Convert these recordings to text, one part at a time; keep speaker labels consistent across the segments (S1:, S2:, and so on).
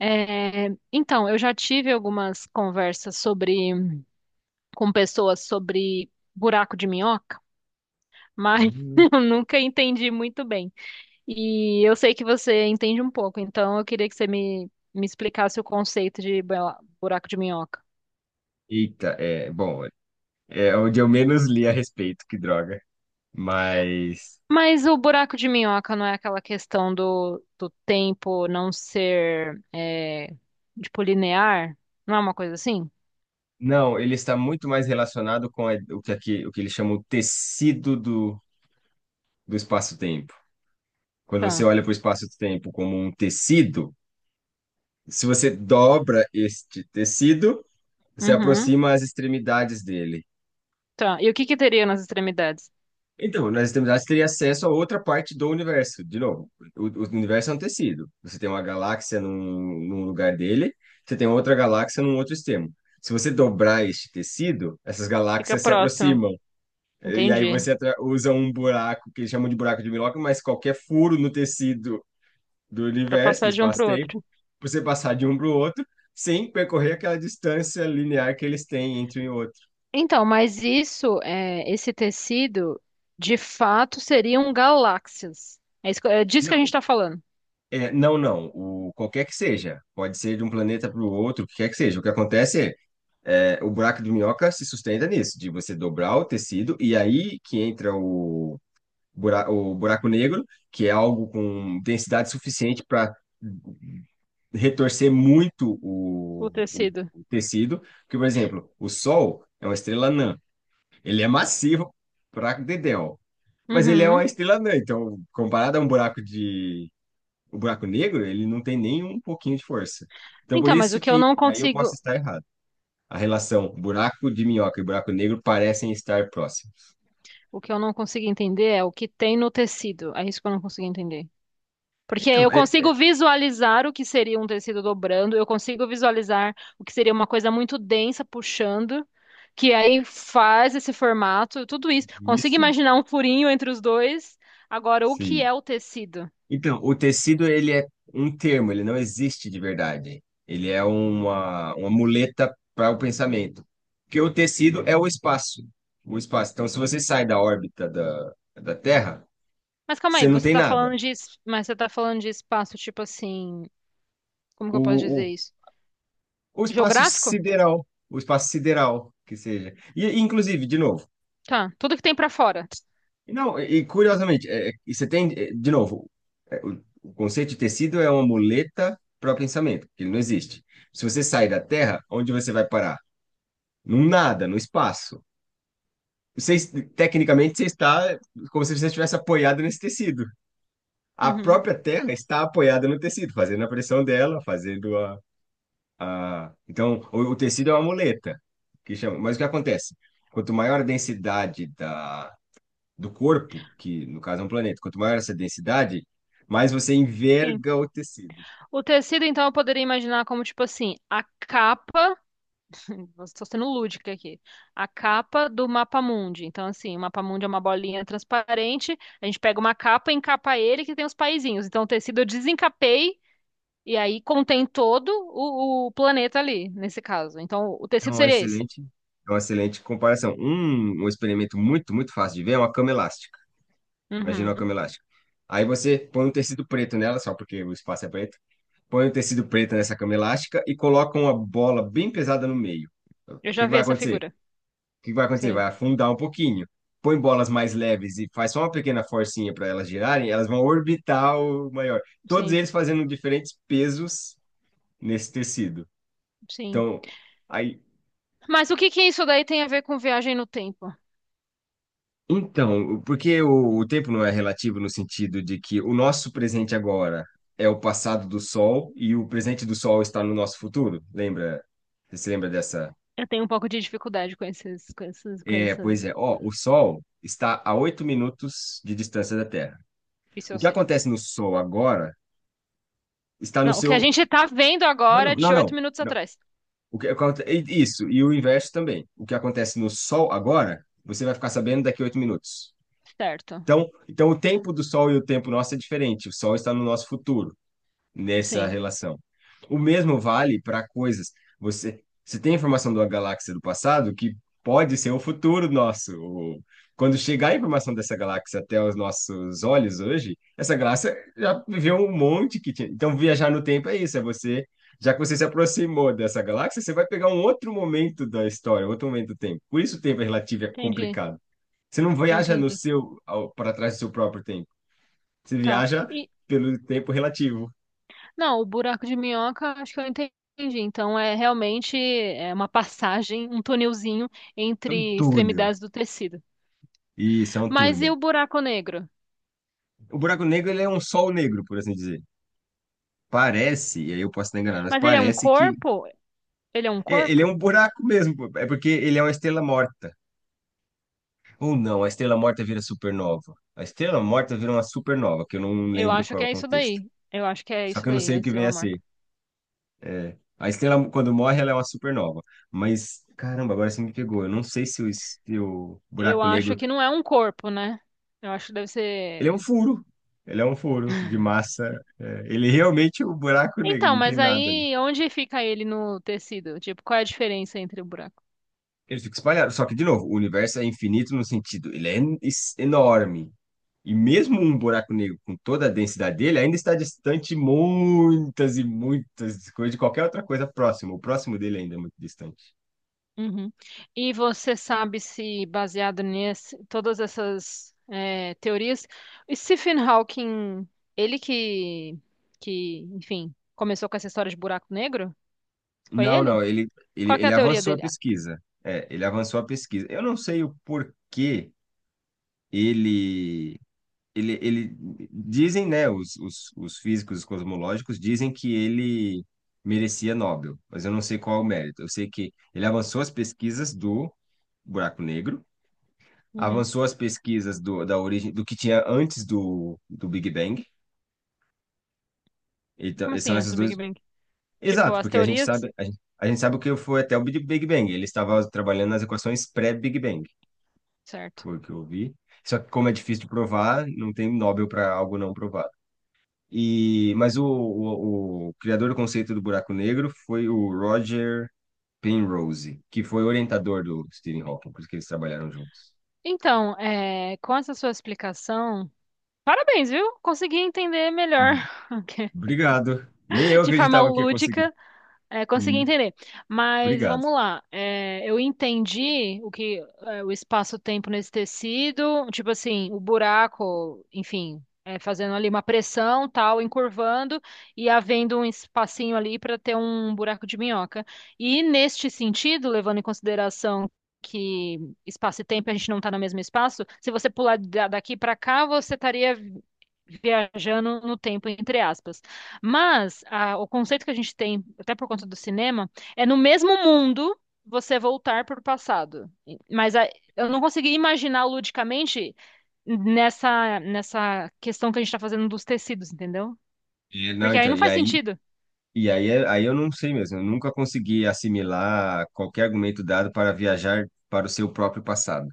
S1: É, então, eu já tive algumas conversas sobre com pessoas sobre buraco de minhoca, mas
S2: Hum.
S1: eu nunca entendi muito bem. E eu sei que você entende um pouco, então eu queria que você me explicasse o conceito de buraco de minhoca.
S2: Eita, é, bom, é onde eu menos li a respeito, que droga. Mas,
S1: Mas o buraco de minhoca não é aquela questão do tempo não ser, tipo, linear? Não é uma coisa assim?
S2: não, ele está muito mais relacionado com o que aqui, o que eles chamam o tecido do espaço-tempo. Quando você
S1: Tá.
S2: olha para o espaço-tempo como um tecido, se você dobra este tecido, você
S1: Uhum.
S2: aproxima as extremidades dele.
S1: Tá. E o que que teria nas extremidades?
S2: Então, nas extremidades teria acesso a outra parte do universo. De novo, o universo é um tecido. Você tem uma galáxia num lugar dele, você tem outra galáxia num outro extremo. Se você dobrar este tecido, essas
S1: Fica
S2: galáxias se
S1: próximo.
S2: aproximam. E aí
S1: Entendi.
S2: você usa um buraco, que eles chamam de buraco de Milwaukee, mas qualquer furo no tecido do
S1: Para
S2: universo, do
S1: passar de um para o outro.
S2: espaço-tempo, pra você passar de um para o outro, sem percorrer aquela distância linear que eles têm entre um e outro.
S1: Então, mas isso, é, esse tecido, de fato, seriam galáxias. É, isso, é disso que a gente está falando.
S2: Não. Qualquer que seja. Pode ser de um planeta para o outro, o que quer que seja. O que acontece é o buraco de minhoca se sustenta nisso, de você dobrar o tecido e aí que entra o o buraco negro, que é algo com densidade suficiente para retorcer muito
S1: O tecido.
S2: o tecido. Porque, por exemplo, o Sol é uma estrela anã. Ele é massivo para Dedéu. Mas ele é
S1: Uhum.
S2: uma estrela anã, então, comparado a um o buraco negro, ele não tem nem um pouquinho de força. Então, por
S1: Então, mas o
S2: isso
S1: que eu
S2: que,
S1: não
S2: e aí eu posso
S1: consigo,
S2: estar errado. A relação buraco de minhoca e buraco negro parecem estar próximos.
S1: o que eu não consigo entender é o que tem no tecido. É isso que eu não consigo entender. Porque
S2: Então,
S1: eu
S2: é, é
S1: consigo visualizar o que seria um tecido dobrando, eu consigo visualizar o que seria uma coisa muito densa puxando, que aí faz esse formato, tudo isso. Consigo
S2: isso,
S1: imaginar um furinho entre os dois. Agora, o que
S2: sim.
S1: é o tecido?
S2: Então, o tecido, ele é um termo, ele não existe de verdade. Ele é uma muleta para o pensamento. Porque o tecido é o espaço. O espaço. Então, se você sai da órbita da Terra,
S1: Mas calma aí,
S2: você não
S1: você
S2: tem
S1: tá
S2: nada.
S1: falando de, mas você tá falando de espaço tipo assim, como que eu posso dizer
S2: O,
S1: isso?
S2: O espaço
S1: Geográfico?
S2: sideral, o espaço sideral, que seja. Inclusive, de novo,
S1: Tá, tudo que tem pra fora.
S2: e não, e, curiosamente, é, é, e você tem, de novo, o conceito de tecido é uma muleta para o pensamento, que ele não existe. Se você sai da Terra, onde você vai parar? Num nada, no espaço. Tecnicamente, você está como se você estivesse apoiado nesse tecido. A
S1: Uhum,
S2: própria Terra está apoiada no tecido, fazendo a pressão dela, fazendo a, ah, então, o tecido é uma muleta, que chama. Mas o que acontece? Quanto maior a densidade do corpo, que no caso é um planeta, quanto maior essa densidade, mais você
S1: sim.
S2: enverga o tecido.
S1: O tecido, então, eu poderia imaginar como tipo assim, a capa estou sendo lúdica aqui. A capa do mapa mundi. Então, assim, o mapa mundi é uma bolinha transparente. A gente pega uma capa e encapa ele que tem os paizinhos. Então, o tecido eu desencapei e aí contém todo o planeta ali, nesse caso. Então, o
S2: É
S1: tecido
S2: uma
S1: seria esse.
S2: excelente, é uma excelente comparação. Um experimento muito fácil de ver é uma cama elástica. Imagina uma
S1: Uhum.
S2: cama elástica. Aí você põe um tecido preto nela, só porque o espaço é preto. Põe um tecido preto nessa cama elástica e coloca uma bola bem pesada no meio. O
S1: Eu
S2: que
S1: já
S2: que
S1: vi
S2: vai
S1: essa
S2: acontecer?
S1: figura.
S2: O que vai acontecer?
S1: Sim,
S2: Vai afundar um pouquinho. Põe bolas mais leves e faz só uma pequena forcinha para elas girarem, elas vão orbitar o maior. Todos
S1: sim,
S2: eles fazendo diferentes pesos nesse tecido.
S1: sim.
S2: Então, aí.
S1: Mas o que que isso daí tem a ver com viagem no tempo?
S2: Então, porque o tempo não é relativo no sentido de que o nosso presente agora é o passado do Sol e o presente do Sol está no nosso futuro. Lembra? Você se lembra dessa?
S1: Eu tenho um pouco de dificuldade com esses, com esses, com
S2: É,
S1: esses.
S2: pois é. Ó, o Sol está a 8 minutos de distância da Terra.
S1: Isso eu
S2: O que
S1: sei.
S2: acontece no Sol agora está no
S1: Não, o que a
S2: seu.
S1: gente tá vendo
S2: Não,
S1: agora
S2: não,
S1: é de
S2: não,
S1: oito
S2: não.
S1: minutos
S2: não.
S1: atrás.
S2: O que isso, e o inverso também. O que acontece no Sol agora, você vai ficar sabendo daqui a oito minutos.
S1: Certo.
S2: Então, o tempo do Sol e o tempo nosso é diferente. O Sol está no nosso futuro nessa
S1: Sim.
S2: relação. O mesmo vale para coisas. Você tem informação de uma galáxia do passado que pode ser o futuro nosso. Quando chegar a informação dessa galáxia até os nossos olhos hoje, essa galáxia já viveu um monte que tinha. Então, viajar no tempo é isso, é você. Já que você se aproximou dessa galáxia, você vai pegar um outro momento da história, outro momento do tempo. Por isso o tempo é relativo e é
S1: Entendi,
S2: complicado. Você não viaja no
S1: entendi.
S2: seu, ao- Para trás do seu próprio tempo. Você
S1: Tá.
S2: viaja
S1: E
S2: pelo tempo relativo.
S1: não, o buraco de minhoca, acho que eu entendi. Então é realmente é uma passagem, um tunelzinho
S2: É um
S1: entre
S2: túnel.
S1: extremidades do tecido.
S2: Isso, é um
S1: Mas e
S2: túnel.
S1: o buraco negro?
S2: O buraco negro, ele é um sol negro, por assim dizer. Parece, e aí eu posso estar enganado, mas
S1: Mas ele é um
S2: parece que
S1: corpo? Ele é um
S2: ele é
S1: corpo?
S2: um buraco mesmo, pô. É porque ele é uma estrela morta. Ou não, a estrela morta vira supernova. A estrela morta vira uma supernova, que eu não
S1: Eu
S2: lembro
S1: acho que
S2: qual é o
S1: é isso
S2: contexto.
S1: daí. Eu acho que é
S2: Só
S1: isso
S2: que eu não
S1: daí,
S2: sei
S1: a
S2: o que vem
S1: estrela
S2: a
S1: morta.
S2: ser. A estrela, quando morre, ela é uma supernova. Mas, caramba, agora você me pegou. Eu não sei se o
S1: Eu
S2: buraco
S1: acho
S2: negro.
S1: que não é um corpo, né? Eu acho que deve
S2: Ele é um
S1: ser.
S2: furo. Ele é um furo de massa. Ele realmente é um buraco negro,
S1: Então,
S2: não tem
S1: mas
S2: nada ali.
S1: aí onde fica ele no tecido? Tipo, qual é a diferença entre o buraco?
S2: Ele fica espalhado. Só que, de novo, o universo é infinito no sentido, ele é enorme. E mesmo um buraco negro com toda a densidade dele, ainda está distante muitas e muitas coisas de qualquer outra coisa próxima. O próximo dele ainda é muito distante.
S1: Uhum. E você sabe se, baseado nesse, todas essas teorias, o Stephen Hawking, ele que, que, enfim, começou com essa história de buraco negro? Foi
S2: Não,
S1: ele?
S2: não, ele, ele,
S1: Qual que é a
S2: ele
S1: teoria
S2: avançou a
S1: dele? Ah,
S2: pesquisa. É, ele avançou a pesquisa. Eu não sei o porquê ele ele, dizem, né, os físicos os cosmológicos dizem que ele merecia Nobel, mas eu não sei qual é o mérito. Eu sei que ele avançou as pesquisas do buraco negro,
S1: uhum.
S2: avançou as pesquisas da origem do que tinha antes do Big Bang. Então,
S1: Como
S2: e
S1: assim,
S2: são
S1: antes
S2: esses
S1: do
S2: dois.
S1: Big Bang? Tipo,
S2: Exato,
S1: as
S2: porque
S1: teorias?
S2: a gente sabe o que foi até o Big Bang. Ele estava trabalhando nas equações pré-Big Bang,
S1: Certo.
S2: foi o que eu vi. Só que como é difícil de provar, não tem Nobel para algo não provado. E, mas o criador do conceito do buraco negro foi o Roger Penrose, que foi orientador do Stephen Hawking, por isso que eles trabalharam juntos.
S1: Então, com essa sua explicação, parabéns, viu? Consegui entender melhor,
S2: Obrigado. Nem eu
S1: de forma
S2: acreditava que ia conseguir.
S1: lúdica, é, consegui
S2: Hum.
S1: entender. Mas
S2: Obrigado.
S1: vamos lá. É, eu entendi o que é, o espaço-tempo nesse tecido, tipo assim, o buraco, enfim, fazendo ali uma pressão, tal, encurvando e havendo um espacinho ali para ter um buraco de minhoca. E neste sentido, levando em consideração que espaço e tempo a gente não está no mesmo espaço, se você pular daqui para cá, você estaria viajando no tempo, entre aspas. Mas o conceito que a gente tem, até por conta do cinema, é no mesmo mundo você voltar para o passado. Eu não consegui imaginar ludicamente nessa questão que a gente está fazendo dos tecidos, entendeu?
S2: E não,
S1: Porque aí
S2: então,
S1: não
S2: e
S1: faz
S2: aí,
S1: sentido.
S2: e aí, é- aí eu não sei mesmo. Eu nunca consegui assimilar qualquer argumento dado para viajar para o seu próprio passado.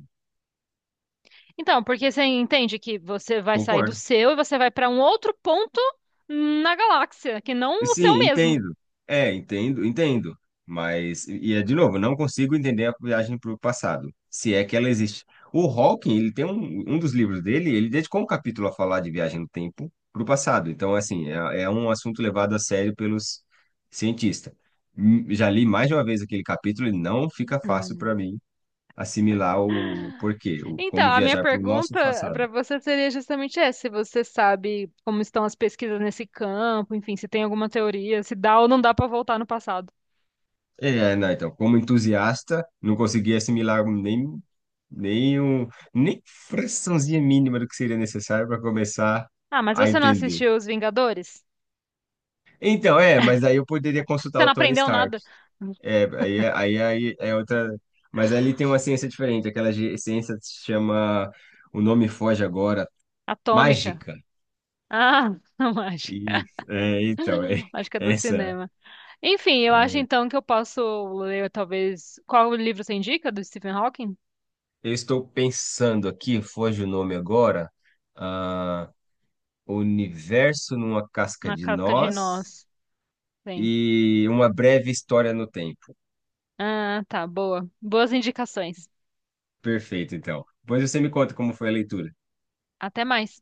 S1: Então, porque você entende que você vai sair do
S2: Concordo.
S1: seu e você vai para um outro ponto na galáxia, que não o seu
S2: Sim,
S1: mesmo.
S2: entendo. Entendo, entendo. Mas, e é de novo, não consigo entender a viagem para o passado, se é que ela existe. O Hawking, ele tem um dos livros dele, ele dedicou um capítulo a falar de viagem no tempo para o passado. Então, assim, é um assunto levado a sério pelos cientistas. Hum. Já li mais de uma vez aquele capítulo e não fica fácil para mim assimilar o porquê, o como
S1: Então, a minha
S2: viajar para o nosso
S1: pergunta
S2: passado.
S1: para você seria justamente essa, se você sabe como estão as pesquisas nesse campo, enfim, se tem alguma teoria, se dá ou não dá para voltar no passado.
S2: Não, então, como entusiasta, não conseguia assimilar nem, um, nem fraçãozinha mínima do que seria necessário para começar
S1: Ah, mas
S2: a
S1: você não
S2: entender.
S1: assistiu Os Vingadores?
S2: Então, é, mas aí eu poderia consultar
S1: Você
S2: o
S1: não
S2: Tony
S1: aprendeu
S2: Stark.
S1: nada?
S2: Aí é outra. Mas ali tem uma ciência diferente, aquela ciência que se chama. O nome foge agora,
S1: Atômica.
S2: mágica.
S1: Ah, não acho.
S2: Isso, é, então, é,
S1: Acho que é do
S2: essa.
S1: cinema. Enfim, eu acho
S2: É.
S1: então que eu posso ler talvez qual livro você indica do Stephen Hawking?
S2: Eu estou pensando aqui, foge o nome agora. Ah, O Universo numa Casca
S1: Na
S2: de
S1: Casca de
S2: Nós
S1: Nós. Sim.
S2: e Uma Breve História no Tempo.
S1: Ah, tá, boa. Boas indicações.
S2: Perfeito, então. Depois você me conta como foi a leitura.
S1: Até mais.